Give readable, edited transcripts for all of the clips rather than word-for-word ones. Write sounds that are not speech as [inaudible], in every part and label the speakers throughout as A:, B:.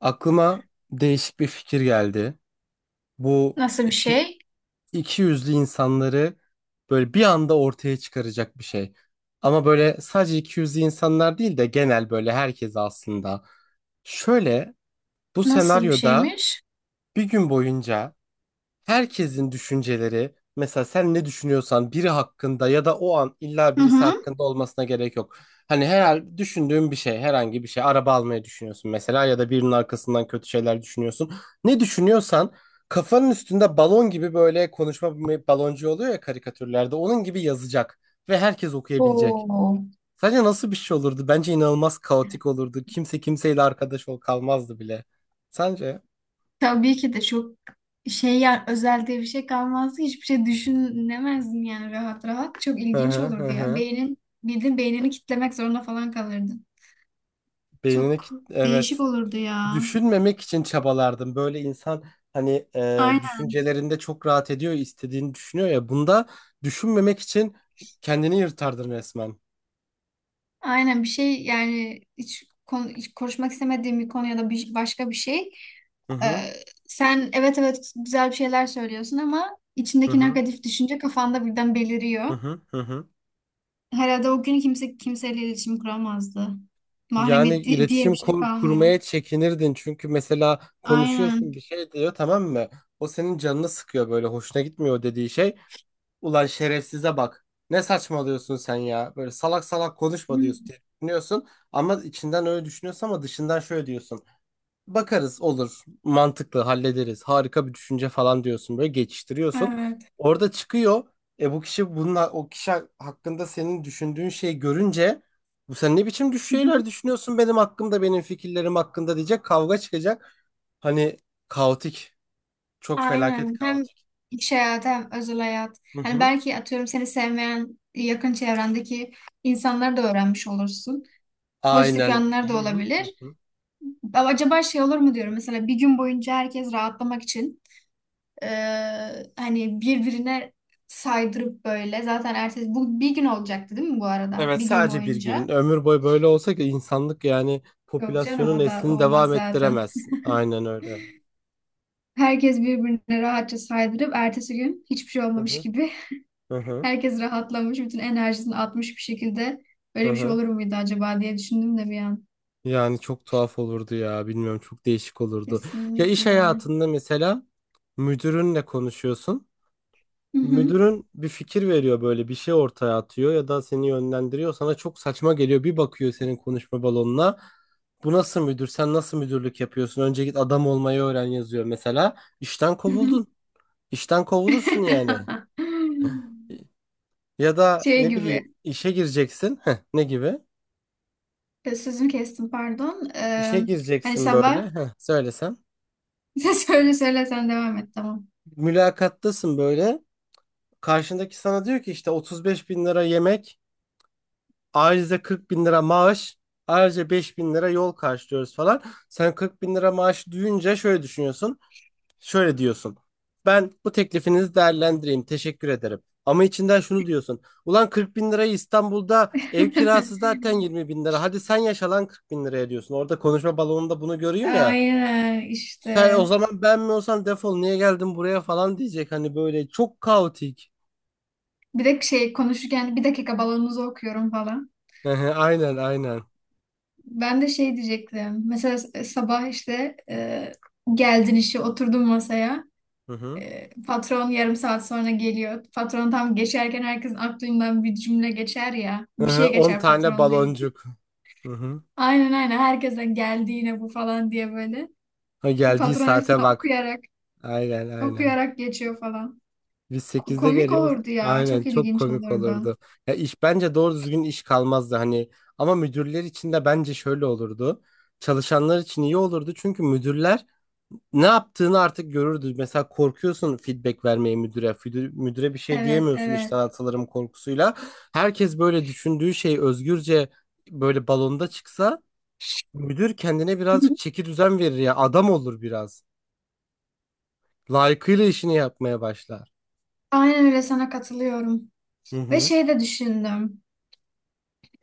A: Aklıma değişik bir fikir geldi. Bu
B: Nasıl bir
A: iki,
B: şey?
A: iki yüzlü insanları böyle bir anda ortaya çıkaracak bir şey. Ama böyle sadece iki yüzlü insanlar değil de genel böyle herkes aslında. Şöyle bu
B: Nasıl bir
A: senaryoda
B: şeymiş?
A: bir gün boyunca herkesin düşünceleri, mesela sen ne düşünüyorsan biri hakkında, ya da o an illa
B: Hı
A: birisi
B: hı.
A: hakkında olmasına gerek yok. Hani herhal düşündüğün bir şey, herhangi bir şey, araba almayı düşünüyorsun mesela ya da birinin arkasından kötü şeyler düşünüyorsun. Ne düşünüyorsan kafanın üstünde balon gibi, böyle konuşma baloncu oluyor ya karikatürlerde, onun gibi yazacak ve herkes okuyabilecek.
B: Oo.
A: Sence nasıl bir şey olurdu? Bence inanılmaz kaotik olurdu. Kimse kimseyle arkadaş ol kalmazdı bile. Sence?
B: Tabii ki de çok şey ya, özel diye bir şey kalmazdı. Hiçbir şey düşünemezdin yani, rahat rahat. Çok
A: Hı
B: ilginç
A: hı hı,
B: olurdu ya.
A: hı.
B: Beynin, bildiğin beynini kitlemek zorunda falan kalırdın. Çok
A: Evet.
B: değişik olurdu ya.
A: Düşünmemek için çabalardım. Böyle insan hani
B: Aynen.
A: düşüncelerinde çok rahat ediyor, istediğini düşünüyor ya. Bunda düşünmemek için kendini yırtardın resmen.
B: Aynen bir şey yani, hiç konu, hiç konuşmak istemediğim bir konu ya da bir, başka bir şey.
A: Hı
B: Ee,
A: hı,
B: Sen evet evet, güzel bir şeyler söylüyorsun ama
A: hı
B: içindeki
A: hı,
B: negatif düşünce kafanda birden
A: hı
B: beliriyor.
A: hı, hı hı.
B: Herhalde o gün kimse kimseyle iletişim kuramazdı.
A: Yani
B: Mahremiyet diye
A: iletişim
B: bir şey kalmıyor.
A: kurmaya çekinirdin. Çünkü mesela konuşuyorsun,
B: Aynen.
A: bir şey diyor, tamam mı? O senin canını sıkıyor, böyle hoşuna gitmiyor o dediği şey. Ulan şerefsize bak. Ne saçmalıyorsun sen ya? Böyle salak salak
B: Hı.
A: konuşma diyorsun, diye düşünüyorsun. Ama içinden öyle düşünüyorsun ama dışından şöyle diyorsun. Bakarız olur. Mantıklı hallederiz. Harika bir düşünce falan diyorsun, böyle geçiştiriyorsun.
B: Evet.
A: Orada çıkıyor. E bu kişi bununla o kişi hakkında senin düşündüğün şeyi görünce, bu sen ne biçim
B: Hı.
A: şeyler düşünüyorsun benim hakkımda, benim fikirlerim hakkında diyecek, kavga çıkacak. Hani kaotik. Çok felaket
B: Aynen. Hem
A: kaotik.
B: iş hayatı hem özel hayat.
A: Hı
B: Hani
A: hı.
B: belki, atıyorum, seni sevmeyen yakın çevrendeki insanları da öğrenmiş olursun. Pozitif
A: Aynen.
B: yanları
A: Hı
B: da
A: hı
B: olabilir.
A: hı hı.
B: Ama acaba şey olur mu diyorum. Mesela bir gün boyunca herkes rahatlamak için hani birbirine saydırıp böyle. Zaten ertesi, bu bir gün olacaktı değil mi bu arada?
A: Evet,
B: Bir gün
A: sadece bir
B: boyunca.
A: gün. Ömür boyu böyle olsa ki insanlık yani
B: Yok canım,
A: popülasyonun
B: o da
A: neslini
B: olmaz
A: devam
B: zaten.
A: ettiremez. Aynen öyle.
B: Herkes birbirine rahatça saydırıp ertesi gün hiçbir şey
A: Hı
B: olmamış
A: hı.
B: gibi
A: Hı
B: [laughs]
A: hı.
B: herkes rahatlamış, bütün enerjisini atmış bir şekilde.
A: Hı
B: Böyle bir şey
A: hı.
B: olur muydu acaba diye düşündüm de bir an.
A: Yani çok tuhaf olurdu ya. Bilmiyorum, çok değişik olurdu. Ya iş
B: Kesinlikle.
A: hayatında mesela müdürünle konuşuyorsun.
B: Hı hı.
A: Müdürün bir fikir veriyor, böyle bir şey ortaya atıyor ya da seni yönlendiriyor. Sana çok saçma geliyor. Bir bakıyor senin konuşma balonuna. Bu nasıl müdür? Sen nasıl müdürlük yapıyorsun? Önce git adam olmayı öğren yazıyor mesela. İşten
B: Hı hı.
A: kovuldun. İşten kovulursun yani.
B: [laughs]
A: Ya da
B: Şey
A: ne bileyim,
B: gibi.
A: işe gireceksin. Heh, ne gibi?
B: Sözünü kestim, pardon.
A: İşe
B: Hani
A: gireceksin böyle.
B: sabah [laughs]
A: Heh, söylesem.
B: sen söyle söyle, sen devam et, tamam.
A: Mülakattasın böyle. Karşındaki sana diyor ki işte 35 bin lira yemek, ayrıca 40 bin lira maaş, ayrıca 5 bin lira yol karşılıyoruz falan. Sen 40 bin lira maaş duyunca şöyle düşünüyorsun, şöyle diyorsun. Ben bu teklifinizi değerlendireyim, teşekkür ederim. Ama içinden şunu diyorsun. Ulan 40 bin lirayı, İstanbul'da ev kirası
B: [laughs]
A: zaten 20 bin lira. Hadi sen yaşa lan 40 bin liraya diyorsun. Orada konuşma balonunda bunu görüyor ya.
B: Aynen
A: Sen
B: işte.
A: o zaman ben mi olsam, defol niye geldin buraya falan diyecek. Hani böyle çok kaotik.
B: Bir de şey, konuşurken bir dakika balonunuzu okuyorum falan.
A: [laughs] Aynen, aynen.
B: Ben de şey diyecektim. Mesela sabah işte, geldin, işe oturdun masaya.
A: Hı hı.
B: E, patron yarım saat sonra geliyor. Patron tam geçerken herkesin aklından bir cümle geçer ya.
A: Hı
B: Bir
A: hı,
B: şey
A: 10
B: geçer
A: tane
B: patronla ilgili.
A: baloncuk. Hı hı.
B: Aynen aynen, herkese geldi yine bu falan diye böyle.
A: Ha, geldiği
B: Patron hepsini
A: saate bak.
B: okuyarak
A: Aynen, aynen.
B: okuyarak geçiyor falan.
A: Biz 8'de
B: Komik
A: geliyoruz.
B: olurdu ya.
A: Aynen,
B: Çok
A: çok
B: ilginç
A: komik
B: olurdu.
A: olurdu. Ya iş bence doğru düzgün iş kalmazdı hani. Ama müdürler için de bence şöyle olurdu. Çalışanlar için iyi olurdu, çünkü müdürler ne yaptığını artık görürdü. Mesela korkuyorsun feedback vermeye müdüre. Müdüre bir şey
B: Evet
A: diyemiyorsun
B: evet.
A: işten atılırım korkusuyla. Herkes böyle düşündüğü şey özgürce böyle balonda çıksa, müdür kendine
B: Hı
A: birazcık
B: hı.
A: çeki düzen verir ya. Adam olur biraz. Layıkıyla işini yapmaya başlar.
B: Aynen öyle, sana katılıyorum.
A: Hı
B: Ve
A: hı.
B: şey de düşündüm.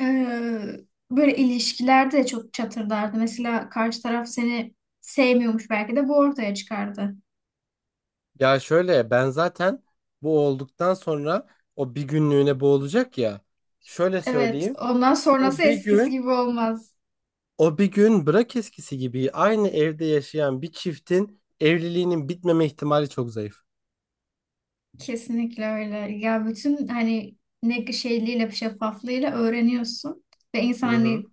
B: Ee, Böyle ilişkilerde de çok çatırdardı. Mesela karşı taraf seni sevmiyormuş, belki de bu ortaya çıkardı.
A: Ya şöyle, ben zaten bu olduktan sonra, o bir günlüğüne bu olacak ya. Şöyle
B: Evet,
A: söyleyeyim.
B: ondan sonrası
A: O bir
B: eskisi
A: gün,
B: gibi olmaz.
A: o bir gün bırak eskisi gibi, aynı evde yaşayan bir çiftin evliliğinin bitmeme ihtimali çok zayıf.
B: Kesinlikle öyle. Ya bütün hani, ne şeyliğiyle, şeffaflığıyla öğreniyorsun. Ve
A: Hı
B: insan,
A: hı.
B: hani,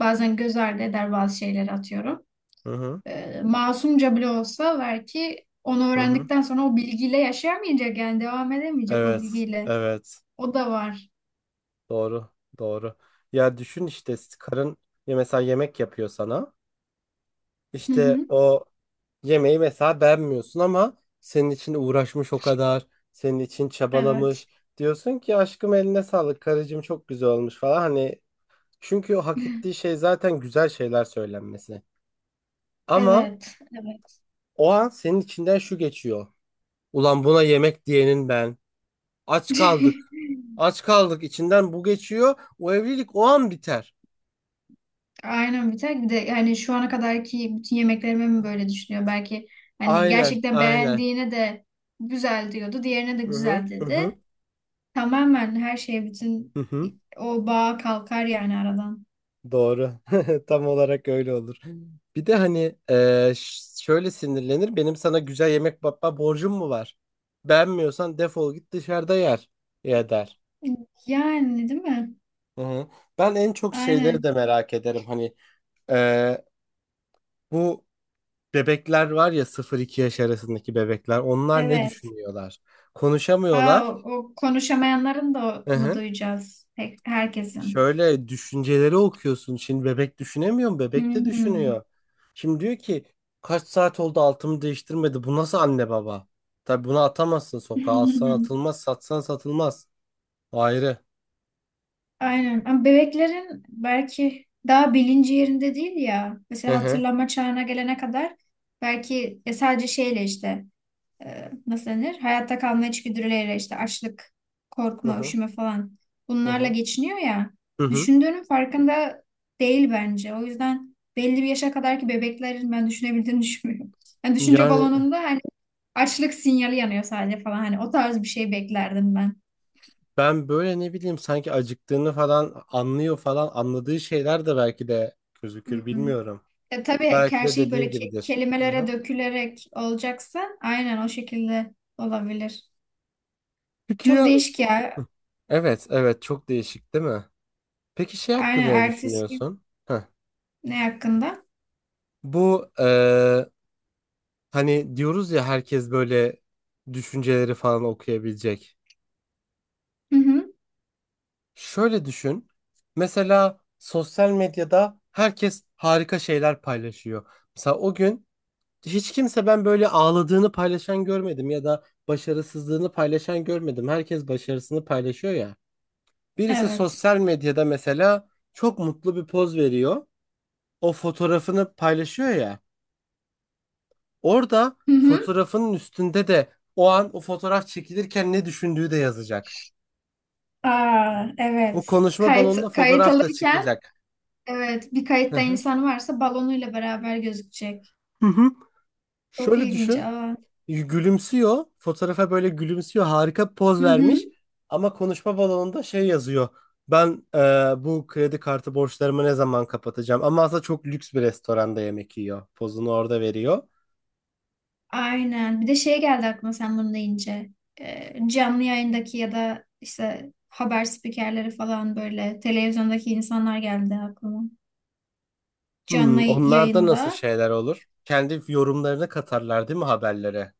B: bazen göz ardı eder bazı şeyleri, atıyorum.
A: Hı hı.
B: Masumca bile olsa, belki onu
A: Hı hı.
B: öğrendikten sonra o bilgiyle yaşayamayacak, yani devam edemeyecek o
A: Evet.
B: bilgiyle.
A: Evet.
B: O da var.
A: Doğru. Doğru. Ya düşün işte, karın ya mesela yemek yapıyor sana.
B: Hı
A: İşte
B: hı.
A: o yemeği mesela beğenmiyorsun, ama senin için uğraşmış o kadar, senin için
B: Evet.
A: çabalamış. Diyorsun ki aşkım eline sağlık, karıcığım çok güzel olmuş falan. Hani çünkü o hak ettiği
B: [laughs]
A: şey zaten güzel şeyler söylenmesi. Ama
B: Evet, evet.
A: o an senin içinden şu geçiyor. Ulan buna yemek diyenin ben. Aç kaldık.
B: [laughs]
A: Aç kaldık içinden bu geçiyor. O evlilik o an biter.
B: Aynen. Bir tek bir de hani, şu ana kadarki bütün yemeklerime mi böyle düşünüyor? Belki hani
A: Aynen,
B: gerçekten
A: aynen.
B: beğendiğine de güzel diyordu, diğerine de
A: Hı hı,
B: güzel
A: hı hı,
B: dedi. Tamamen her şey, bütün
A: hı hı.
B: o bağ kalkar yani aradan.
A: Doğru. [laughs] Tam olarak öyle olur. Bir de hani şöyle sinirlenir. Benim sana güzel yemek yapma borcum mu var? Beğenmiyorsan defol git dışarıda yer. Ya der.
B: Yani değil mi?
A: Hı hı. Ben en çok şeyleri
B: Aynen.
A: de merak ederim. Hani e, bu bebekler var ya, 0-2 yaş arasındaki bebekler. Onlar ne
B: Evet.
A: düşünüyorlar?
B: Aa,
A: Konuşamıyorlar.
B: o, o konuşamayanların da
A: Hı
B: mı
A: hı.
B: duyacağız? Herkesin.
A: Şöyle düşünceleri okuyorsun. Şimdi bebek düşünemiyor mu? Bebek de
B: Hmm.
A: düşünüyor. Şimdi diyor ki kaç saat oldu altımı değiştirmedi. Bu nasıl anne baba? Tabii bunu atamazsın sokağa. Alsan
B: [laughs]
A: atılmaz, satsan satılmaz. Ayrı.
B: Aynen. Ama bebeklerin belki daha bilinci yerinde değil ya.
A: Hı
B: Mesela
A: hı.
B: hatırlama çağına gelene kadar belki ya sadece şeyle, işte, nasıl denir, hayatta kalma içgüdüleriyle, işte açlık,
A: Hı
B: korkma,
A: hı.
B: üşüme falan,
A: Hı
B: bunlarla
A: hı.
B: geçiniyor ya.
A: Hı hı.
B: Düşündüğünün farkında değil bence. O yüzden belli bir yaşa kadarki bebeklerin ben düşünebildiğini [laughs] düşünmüyorum. Yani düşünce
A: Yani
B: balonunda hani açlık sinyali yanıyor sadece falan. Hani o tarz bir şey beklerdim ben.
A: ben böyle ne bileyim, sanki acıktığını falan anlıyor falan, anladığı şeyler de belki de
B: Hı
A: gözükür,
B: hı.
A: bilmiyorum.
B: E, tabii ki
A: Belki
B: her
A: de
B: şey böyle
A: dediğim gibidir. Hı
B: kelimelere
A: hı.
B: dökülerek olacaksa aynen o şekilde olabilir.
A: Peki
B: Çok
A: ya?
B: değişik ya.
A: Hı. Evet, evet, çok değişik değil mi? Peki şey hakkında
B: Aynen.
A: ne
B: Ertesi gün
A: düşünüyorsun? Heh.
B: ne hakkında?
A: Bu hani diyoruz ya, herkes böyle düşünceleri falan okuyabilecek.
B: Hı hı.
A: Şöyle düşün. Mesela sosyal medyada herkes harika şeyler paylaşıyor. Mesela o gün hiç kimse, ben böyle ağladığını paylaşan görmedim ya da başarısızlığını paylaşan görmedim. Herkes başarısını paylaşıyor ya. Birisi
B: Evet.
A: sosyal medyada mesela çok mutlu bir poz veriyor. O fotoğrafını paylaşıyor ya. Orada
B: Hı hı.
A: fotoğrafının üstünde de o an o fotoğraf çekilirken ne düşündüğü de yazacak.
B: Aa,
A: O
B: evet.
A: konuşma balonuna
B: Kayıt
A: fotoğraf da
B: alırken,
A: çıkacak.
B: evet, bir
A: Hı
B: kayıtta
A: hı.
B: insan varsa balonuyla beraber gözükecek.
A: Hı hı.
B: Çok
A: Şöyle
B: ilginç.
A: düşün.
B: Aa.
A: Gülümsüyor. Fotoğrafa böyle gülümsüyor. Harika bir poz
B: Hı hı.
A: vermiş. Ama konuşma balonunda şey yazıyor. Ben bu kredi kartı borçlarımı ne zaman kapatacağım? Ama aslında çok lüks bir restoranda yemek yiyor. Pozunu orada veriyor.
B: Aynen. Bir de şey geldi aklıma sen bunu deyince. Canlı yayındaki ya da işte haber spikerleri falan, böyle televizyondaki insanlar geldi aklıma. Canlı
A: Hmm, onlarda nasıl
B: yayında.
A: şeyler olur? Kendi yorumlarını katarlar değil mi haberlere?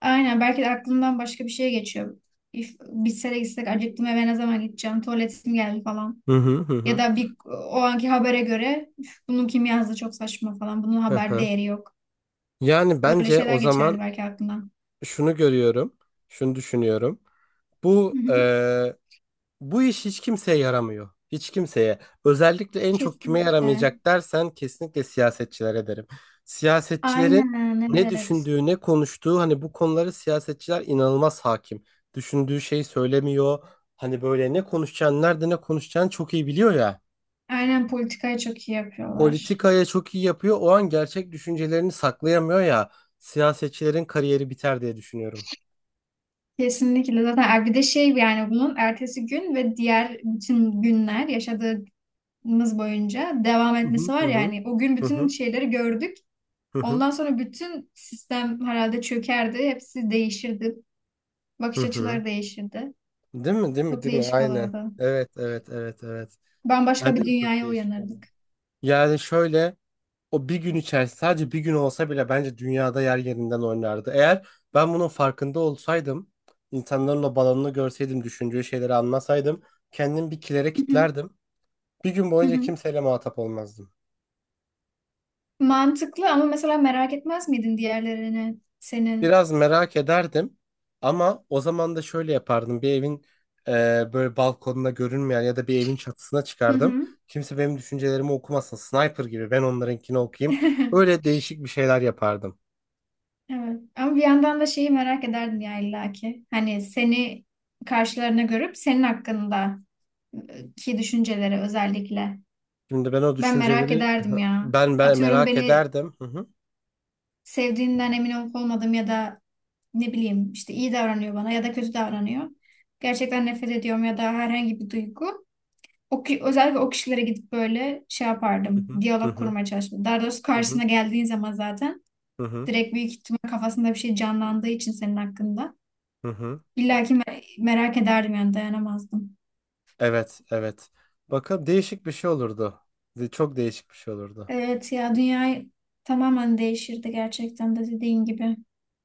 B: Aynen. Belki de aklımdan başka bir şey geçiyor. If, bitse de gitsek, acıktım, eve ne zaman gideceğim? Tuvaletim geldi falan.
A: Hı hı hı
B: Ya
A: hı.
B: da bir o anki habere göre: "Üf, bunu kim yazdı, çok saçma falan. Bunun
A: Hı
B: haber
A: hı.
B: değeri yok."
A: Yani
B: Öyle
A: bence
B: şeyler
A: o zaman
B: geçerdi belki aklımdan.
A: şunu görüyorum, şunu düşünüyorum.
B: Hı
A: Bu
B: hı.
A: bu iş hiç kimseye yaramıyor. Hiç kimseye. Özellikle en çok kime
B: Kesinlikle.
A: yaramayacak dersen, kesinlikle siyasetçilere derim. Siyasetçilerin
B: Aynen,
A: ne
B: evet.
A: düşündüğü, ne konuştuğu, hani bu konuları siyasetçiler inanılmaz hakim. Düşündüğü şeyi söylemiyor. Hani böyle ne konuşacağını, nerede ne konuşacağını çok iyi biliyor ya.
B: Aynen, politikayı çok iyi yapıyorlar.
A: Politikaya çok iyi yapıyor. O an gerçek düşüncelerini saklayamıyor ya. Siyasetçilerin kariyeri biter diye düşünüyorum.
B: Kesinlikle. Zaten ay, bir de şey, yani bunun ertesi gün ve diğer bütün günler yaşadığımız boyunca devam
A: Hı hı
B: etmesi
A: hı
B: var.
A: hı
B: Yani o gün
A: hı
B: bütün
A: hı
B: şeyleri gördük.
A: hı hı,
B: Ondan sonra bütün sistem herhalde çökerdi. Hepsi değişirdi.
A: hı
B: Bakış
A: hı.
B: açıları değişirdi.
A: Değil mi? Değil mi?
B: Çok
A: Değil mi?
B: değişik
A: Aynen.
B: olurdu.
A: Evet, evet, evet, evet.
B: Bambaşka
A: Bence
B: bir
A: de çok
B: dünyaya
A: değişik oldu.
B: uyanırdık.
A: Yani şöyle, o bir gün içerisinde sadece bir gün olsa bile bence dünyada yer yerinden oynardı. Eğer ben bunun farkında olsaydım, insanların o balonunu görseydim, düşündüğü şeyleri anlasaydım, kendim bir kilere
B: Hı hı,
A: kilitlerdim. Bir gün
B: hı
A: boyunca
B: hı.
A: kimseyle muhatap olmazdım.
B: Mantıklı ama mesela merak etmez miydin diğerlerini senin?
A: Biraz merak ederdim, ama o zaman da şöyle yapardım. Bir evin e, böyle balkonuna görünmeyen ya da bir evin çatısına
B: Hı
A: çıkardım.
B: hı.
A: Kimse benim düşüncelerimi okumasın. Sniper gibi ben onlarınkini okuyayım.
B: [laughs]
A: Öyle değişik bir şeyler yapardım.
B: Evet. Ama bir yandan da şeyi merak ederdin ya illaki. Hani seni karşılarına görüp senin hakkında, ki düşünceleri özellikle.
A: Şimdi ben o
B: Ben merak
A: düşünceleri
B: ederdim
A: hı,
B: ya.
A: ben
B: Atıyorum,
A: merak
B: beni
A: ederdim. Hı hı,
B: sevdiğinden emin olup olmadım ya da ne bileyim, işte iyi davranıyor bana ya da kötü davranıyor. Gerçekten nefret ediyorum ya da herhangi bir duygu. O, özellikle o kişilere gidip böyle şey
A: hı
B: yapardım.
A: hı, hı
B: Diyalog
A: hı,
B: kurmaya çalıştım. Daha doğrusu,
A: hı hı,
B: karşısına geldiğin zaman zaten
A: hı hı,
B: direkt büyük ihtimal kafasında bir şey canlandığı için senin hakkında.
A: hı hı.
B: İlla ki merak ederdim yani, dayanamazdım.
A: Evet, evet. Bakın, değişik bir şey olurdu. Çok değişik bir şey olurdu.
B: Evet ya, dünya tamamen değişirdi, gerçekten de dediğin gibi.